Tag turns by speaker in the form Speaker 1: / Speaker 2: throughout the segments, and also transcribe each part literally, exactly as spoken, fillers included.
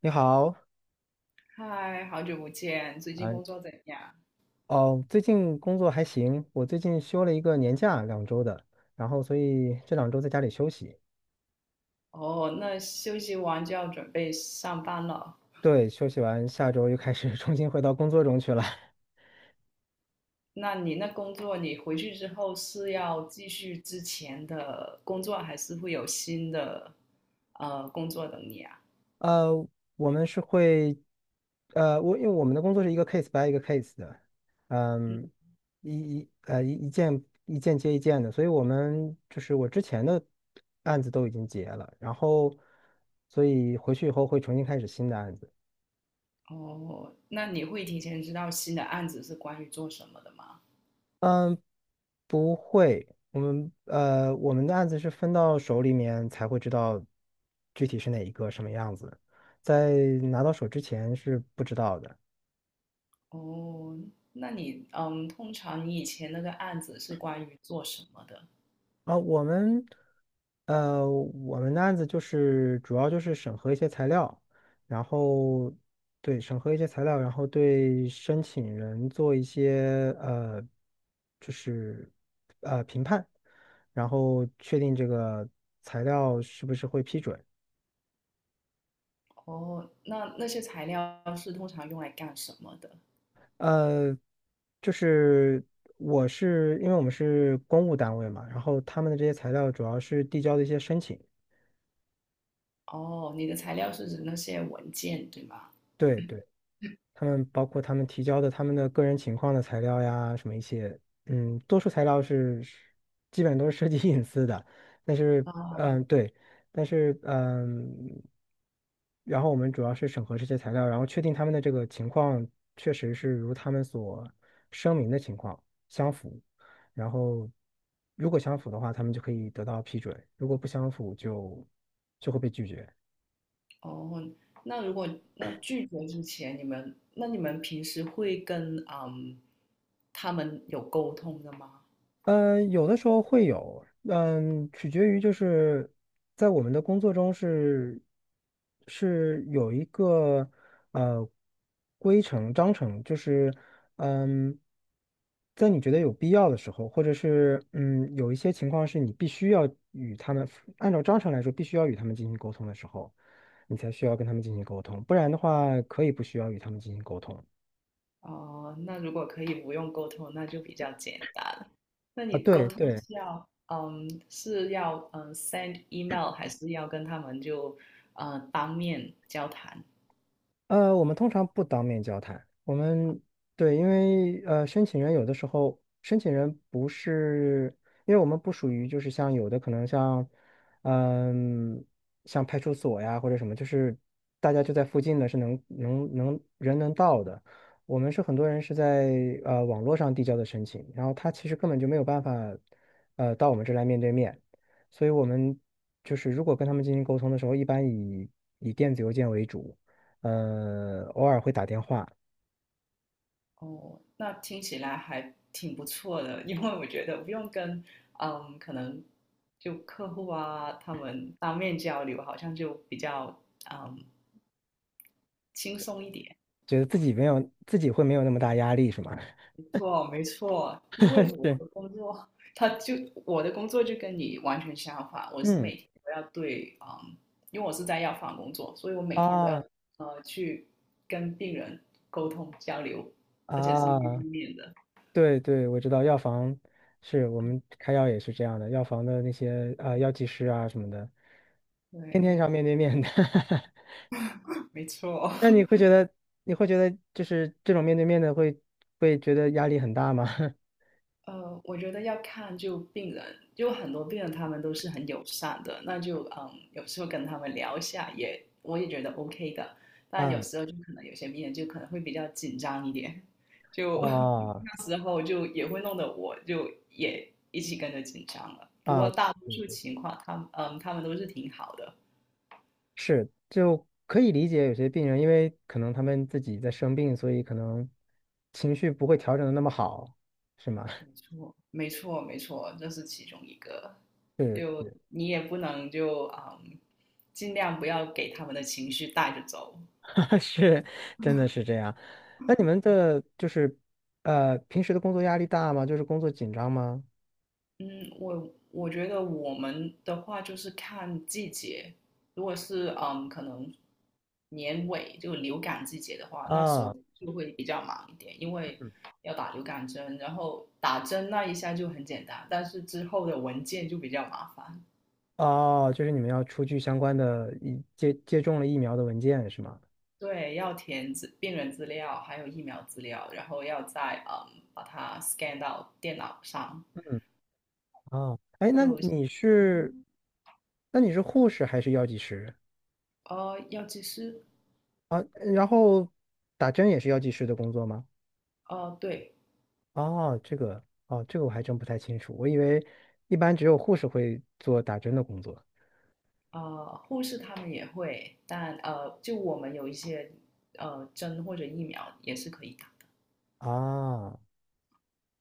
Speaker 1: 你好。
Speaker 2: 嗨，好久不见，最近
Speaker 1: 啊，
Speaker 2: 工作怎样？
Speaker 1: 哦，最近工作还行，我最近休了一个年假，两周的，然后所以这两周在家里休息。
Speaker 2: 哦，那休息完就要准备上班了。
Speaker 1: 对，休息完下周又开始 重新回到工作中去了。
Speaker 2: 那你那工作，你回去之后是要继续之前的工作，还是会有新的呃工作等你啊？
Speaker 1: 呃，我们是会，呃，我因为我们的工作是一个 case by 一个 case 的，嗯，
Speaker 2: 嗯，
Speaker 1: 一一呃一一件一件接一件的，所以我们就是我之前的案子都已经结了，然后所以回去以后会重新开始新的案子。
Speaker 2: 哦，那你会提前知道新的案子是关于做什么的吗？
Speaker 1: 不会，我们呃，我们的案子是分到手里面才会知道具体是哪一个什么样子，在拿到手之前是不知道的。
Speaker 2: 哦，那你嗯，通常你以前那个案子是关于做什么的？
Speaker 1: 啊，我们呃，我们的案子就是主要就是审核一些材料，然后对审核一些材料，然后对申请人做一些呃，就是呃评判，然后确定这个材料是不是会批准。
Speaker 2: 哦，那那些材料是通常用来干什么的？
Speaker 1: 呃，就是我是因为我们是公务单位嘛，然后他们的这些材料主要是递交的一些申请。
Speaker 2: 哦，你的材料是指那些文件，对吗？
Speaker 1: 对对。他们包括他们提交的他们的个人情况的材料呀，什么一些，嗯，多数材料是是基本都是涉及 隐私的，但是，
Speaker 2: 啊，
Speaker 1: 嗯，对，但是，嗯，然后我们主要是审核这些材料，然后确定他们的这个情况确实是如他们所声明的情况相符，然后如果相符的话，他们就可以得到批准，如果不相符就就会被拒绝。
Speaker 2: 哦，那如果那拒绝之前，你们那你们平时会跟嗯他们有沟通的吗？
Speaker 1: 嗯，有的时候会有，嗯，取决于就是在我们的工作中是是有一个呃规程章程，就是嗯，在你觉得有必要的时候，或者是嗯有一些情况是你必须要与他们按照章程来说必须要与他们进行沟通的时候，你才需要跟他们进行沟通，不然的话可以不需要与他们进行沟通。
Speaker 2: 哦，那如果可以不用沟通，那就比较简单了。那
Speaker 1: 啊，
Speaker 2: 你沟
Speaker 1: 对
Speaker 2: 通
Speaker 1: 对。
Speaker 2: 是要嗯是要嗯 send email，还是要跟他们就呃当面交谈？
Speaker 1: 呃，我们通常不当面交谈。我们对，因为呃，申请人有的时候，申请人不是，因为我们不属于就是像有的可能像，嗯、像派出所呀或者什么，就是大家就在附近的，是能能能人能到的。我们是很多人是在呃网络上递交的申请，然后他其实根本就没有办法，呃，到我们这来面对面。所以我们就是如果跟他们进行沟通的时候，一般以以电子邮件为主。呃，偶尔会打电话。
Speaker 2: 哦，那听起来还挺不错的，因为我觉得不用跟嗯，可能就客户啊他们当面交流，好像就比较嗯轻松一点。
Speaker 1: 觉得自己没有自己会没有那么大压力，是吗？
Speaker 2: 没错，没错，因 为我
Speaker 1: 对，
Speaker 2: 的工作，他就我的工作就跟你完全相反，我是
Speaker 1: 嗯，
Speaker 2: 每天都要对嗯，因为我是在药房工作，所以我每天都要
Speaker 1: 啊
Speaker 2: 呃去跟病人沟通交流，而且是面对
Speaker 1: 啊，
Speaker 2: 面的。
Speaker 1: 对对，我知道药房是我们开药也是这样的，药房的那些啊呃药剂师啊什么的，天天
Speaker 2: 对，
Speaker 1: 上面对面的。
Speaker 2: 没错。
Speaker 1: 那你会觉得你会觉得就是这种面对面的会会觉得压力很大吗？
Speaker 2: 呃，我觉得要看就病人，就很多病人他们都是很友善的，那就嗯，有时候跟他们聊一下也，我也觉得 OK 的。但有
Speaker 1: 啊
Speaker 2: 时候就可能有些病人就可能会比较紧张一点，就
Speaker 1: 啊
Speaker 2: 那时候就也会弄得我就也一起跟着紧张了。不过
Speaker 1: 啊！
Speaker 2: 大多数情况，他们嗯，他们都是挺好的。
Speaker 1: 是，就可以理解有些病人，因为可能他们自己在生病，所以可能情绪不会调整的那么好，是吗？
Speaker 2: 没 错，没错，没错，这是其中一个。
Speaker 1: 是，
Speaker 2: 就你也不能就嗯，尽量不要给他们的情绪带着走。
Speaker 1: 是，真的是这样。那你们的就是呃，平时的工作压力大吗？就是工作紧张吗？
Speaker 2: 嗯，我我觉得我们的话就是看季节，如果是嗯，可能年尾就流感季节的话，那时
Speaker 1: 啊，
Speaker 2: 候就会比较忙一点，因为要打流感针，然后打针那一下就很简单，但是之后的文件就比较麻烦。
Speaker 1: 哦，就是你们要出具相关的疫接接种了疫苗的文件是吗？
Speaker 2: 对，要填资病人资料，还有疫苗资料，然后要再嗯把它 scan 到电脑上，
Speaker 1: 嗯，啊，哎，那
Speaker 2: 就
Speaker 1: 你
Speaker 2: 嗯
Speaker 1: 是
Speaker 2: 哼，
Speaker 1: 那你是护士还是药剂师
Speaker 2: 呃，药剂师，
Speaker 1: 啊？然后打针也是药剂师的工作吗？
Speaker 2: 呃，对。
Speaker 1: 哦，这个哦，这个我还真不太清楚，我以为一般只有护士会做打针的工作
Speaker 2: 呃，护士他们也会，但呃，就我们有一些呃针或者疫苗也是可以打的，
Speaker 1: 啊。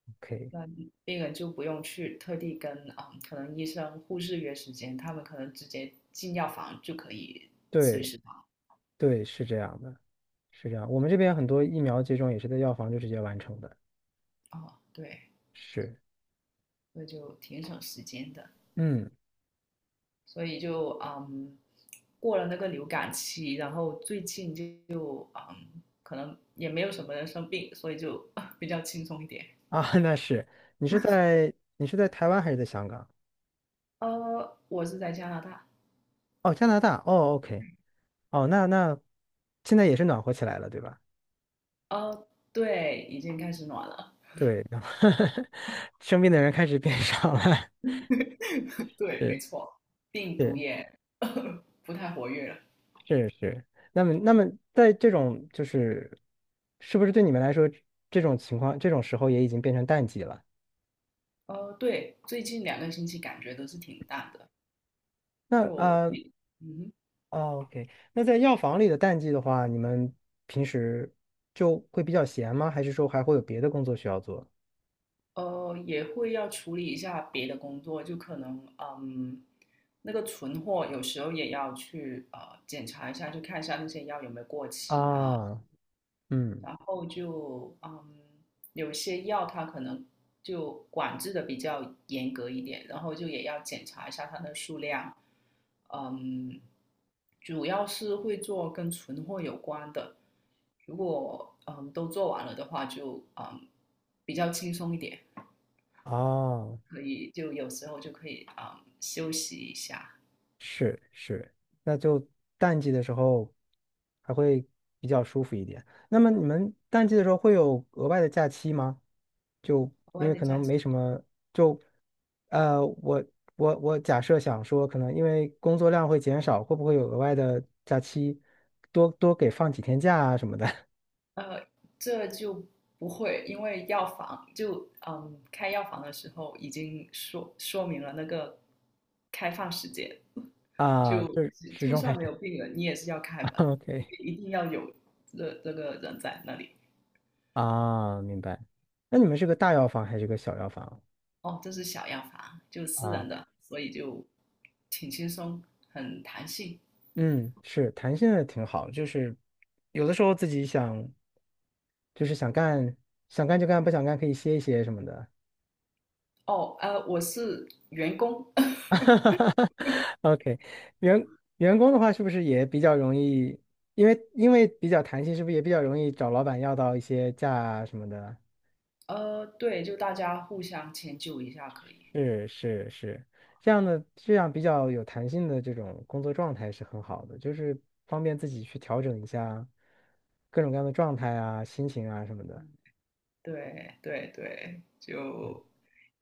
Speaker 1: OK，
Speaker 2: 那病人就不用去特地跟啊，呃可能医生、护士约时间，他们可能直接进药房就可以随
Speaker 1: 对
Speaker 2: 时打。
Speaker 1: 对，是这样的，是这样。我们这边很多疫苗接种也是在药房就直接完成的。
Speaker 2: 哦，对，
Speaker 1: 是，
Speaker 2: 那就挺省时间的，
Speaker 1: 嗯
Speaker 2: 所以就嗯，过了那个流感期，然后最近就嗯，可能也没有什么人生病，所以就 比较轻松一点。
Speaker 1: 啊，那是你是在你是在台湾还是在香港？
Speaker 2: 呃，我是在加拿大。
Speaker 1: 哦，加拿大。哦，OK，哦，那那现在也是暖和起来了，对吧？
Speaker 2: 哦，对，已经开始暖了。
Speaker 1: 对，然后 生病的人开始变少了。
Speaker 2: 对，
Speaker 1: 对
Speaker 2: 没错，病毒
Speaker 1: 对。
Speaker 2: 也 不太活跃了。
Speaker 1: 是是，那么那么在这种就是，是不是对你们来说，这种情况这种时候也已经变成淡季了？
Speaker 2: 呃，对，最近两个星期感觉都是挺淡的，
Speaker 1: 那
Speaker 2: 就
Speaker 1: 呃
Speaker 2: 比嗯
Speaker 1: o k 那在药房里的淡季的话，你们平时就会比较闲吗？还是说还会有别的工作需要做？
Speaker 2: 哼呃，也会要处理一下别的工作，就可能嗯，那个存货有时候也要去呃检查一下，就看一下那些药有没有过期啊，
Speaker 1: 啊，嗯，
Speaker 2: 然后就嗯，有些药它可能就管制的比较严格一点，然后就也要检查一下它的数量，嗯，主要是会做跟存货有关的，如果嗯都做完了的话就，嗯比较轻松一点，
Speaker 1: 啊，
Speaker 2: 可以就有时候就可以嗯休息一下。
Speaker 1: 是是，那就淡季的时候还会比较舒服一点。那么你们淡季的时候会有额外的假期吗？就
Speaker 2: 额
Speaker 1: 因
Speaker 2: 外
Speaker 1: 为
Speaker 2: 的
Speaker 1: 可能
Speaker 2: 假期
Speaker 1: 没什么，就呃，我我我假设想说，可能因为工作量会减少，会不会有额外的假期，多多给放几天假啊什么的。
Speaker 2: 呃，这就不会，因为药房就嗯开药房的时候已经说说明了那个开放时间，
Speaker 1: 啊？就
Speaker 2: 就
Speaker 1: 是始
Speaker 2: 就
Speaker 1: 终还
Speaker 2: 算
Speaker 1: 是
Speaker 2: 没有病人，你也是要开门，
Speaker 1: OK。
Speaker 2: 一定要有这这个人在那里。
Speaker 1: 啊，明白。那你们是个大药房还是个小药房
Speaker 2: 哦，这是小药房，就私
Speaker 1: 啊？
Speaker 2: 人的，所以就挺轻松，很弹性。
Speaker 1: 嗯，是弹性也挺好，就是有的时候自己想，就是想干，想干就干，不想干可以歇一歇什么的。
Speaker 2: 哦，呃，我是员工，
Speaker 1: OK，员员工的话是不是也比较容易？因为因为比较弹性，是不是也比较容易找老板要到一些假啊什么的？
Speaker 2: 呃，对，就大家互相迁就一下可以。
Speaker 1: 是是是，这样的这样比较有弹性的这种工作状态是很好的，就是方便自己去调整一下各种各样的状态啊、心情啊什么的。
Speaker 2: 嗯对对对，就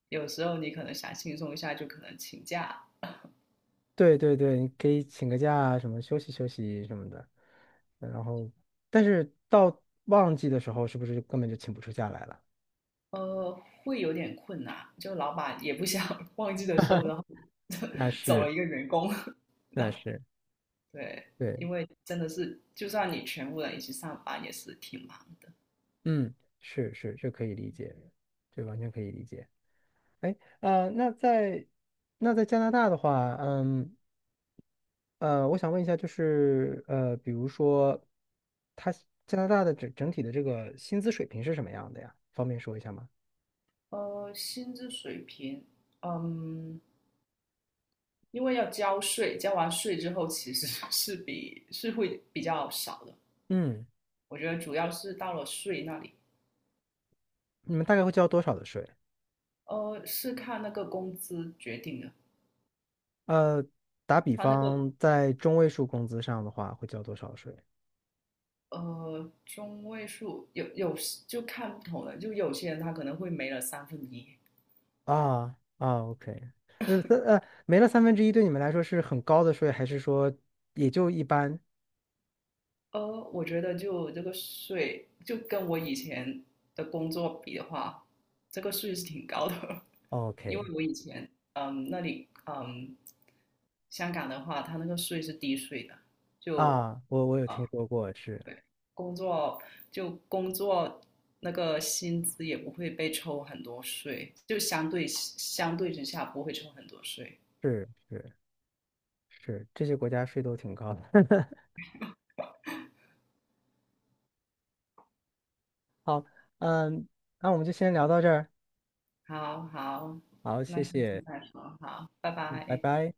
Speaker 2: 有时候你可能想轻松一下，就可能请假，
Speaker 1: 对对对，你可以请个假，什么休息休息什么的。然后，但是到旺季的时候，是不是就根本就请不出假来了？
Speaker 2: 呃，会有点困难。就老板也不想 忘记的时候，然后
Speaker 1: 那
Speaker 2: 走
Speaker 1: 是
Speaker 2: 了一个员工，然
Speaker 1: 那
Speaker 2: 后
Speaker 1: 是，
Speaker 2: 对，
Speaker 1: 对，
Speaker 2: 因为真的是，就算你全部人一起上班，也是挺忙。
Speaker 1: 嗯，是是，这可以理解，这完全可以理解。哎，呃，那在那在加拿大的话，嗯呃，我想问一下，就是呃，比如说，它加拿大的整整体的这个薪资水平是什么样的呀？方便说一下吗？
Speaker 2: 呃，薪资水平，嗯，因为要交税，交完税之后其实 是比是会比较少的。
Speaker 1: 嗯，
Speaker 2: 我觉得主要是到了税那里。
Speaker 1: 你们大概会交多少的税？
Speaker 2: 呃，是看那个工资决定的，
Speaker 1: 呃，打比
Speaker 2: 他那个
Speaker 1: 方，在中位数工资上的话，会交多少税？
Speaker 2: 呃中位数有有时就看不同的，就有些人他可能会没了三分之一。
Speaker 1: 啊啊，OK，呃，三呃，没了三分之一，对你们来说是很高的税，还是说也就一般
Speaker 2: 呃，我觉得就这个税，就跟我以前的工作比的话，这个税是挺高的，因为
Speaker 1: ？OK，
Speaker 2: 我以前嗯那里嗯香港的话，它那个税是低税的，就。
Speaker 1: 啊，我我有听
Speaker 2: 啊。
Speaker 1: 说过，是
Speaker 2: 对，工作就工作那个薪资也不会被抽很多税，就相对相对之下不会抽很多税。
Speaker 1: 是是是，这些国家税都挺高的。好，嗯，那我们就先聊到这儿。
Speaker 2: 好好，
Speaker 1: 好，
Speaker 2: 那
Speaker 1: 谢
Speaker 2: 下次
Speaker 1: 谢。
Speaker 2: 再说，好，拜
Speaker 1: 嗯拜
Speaker 2: 拜。
Speaker 1: 拜。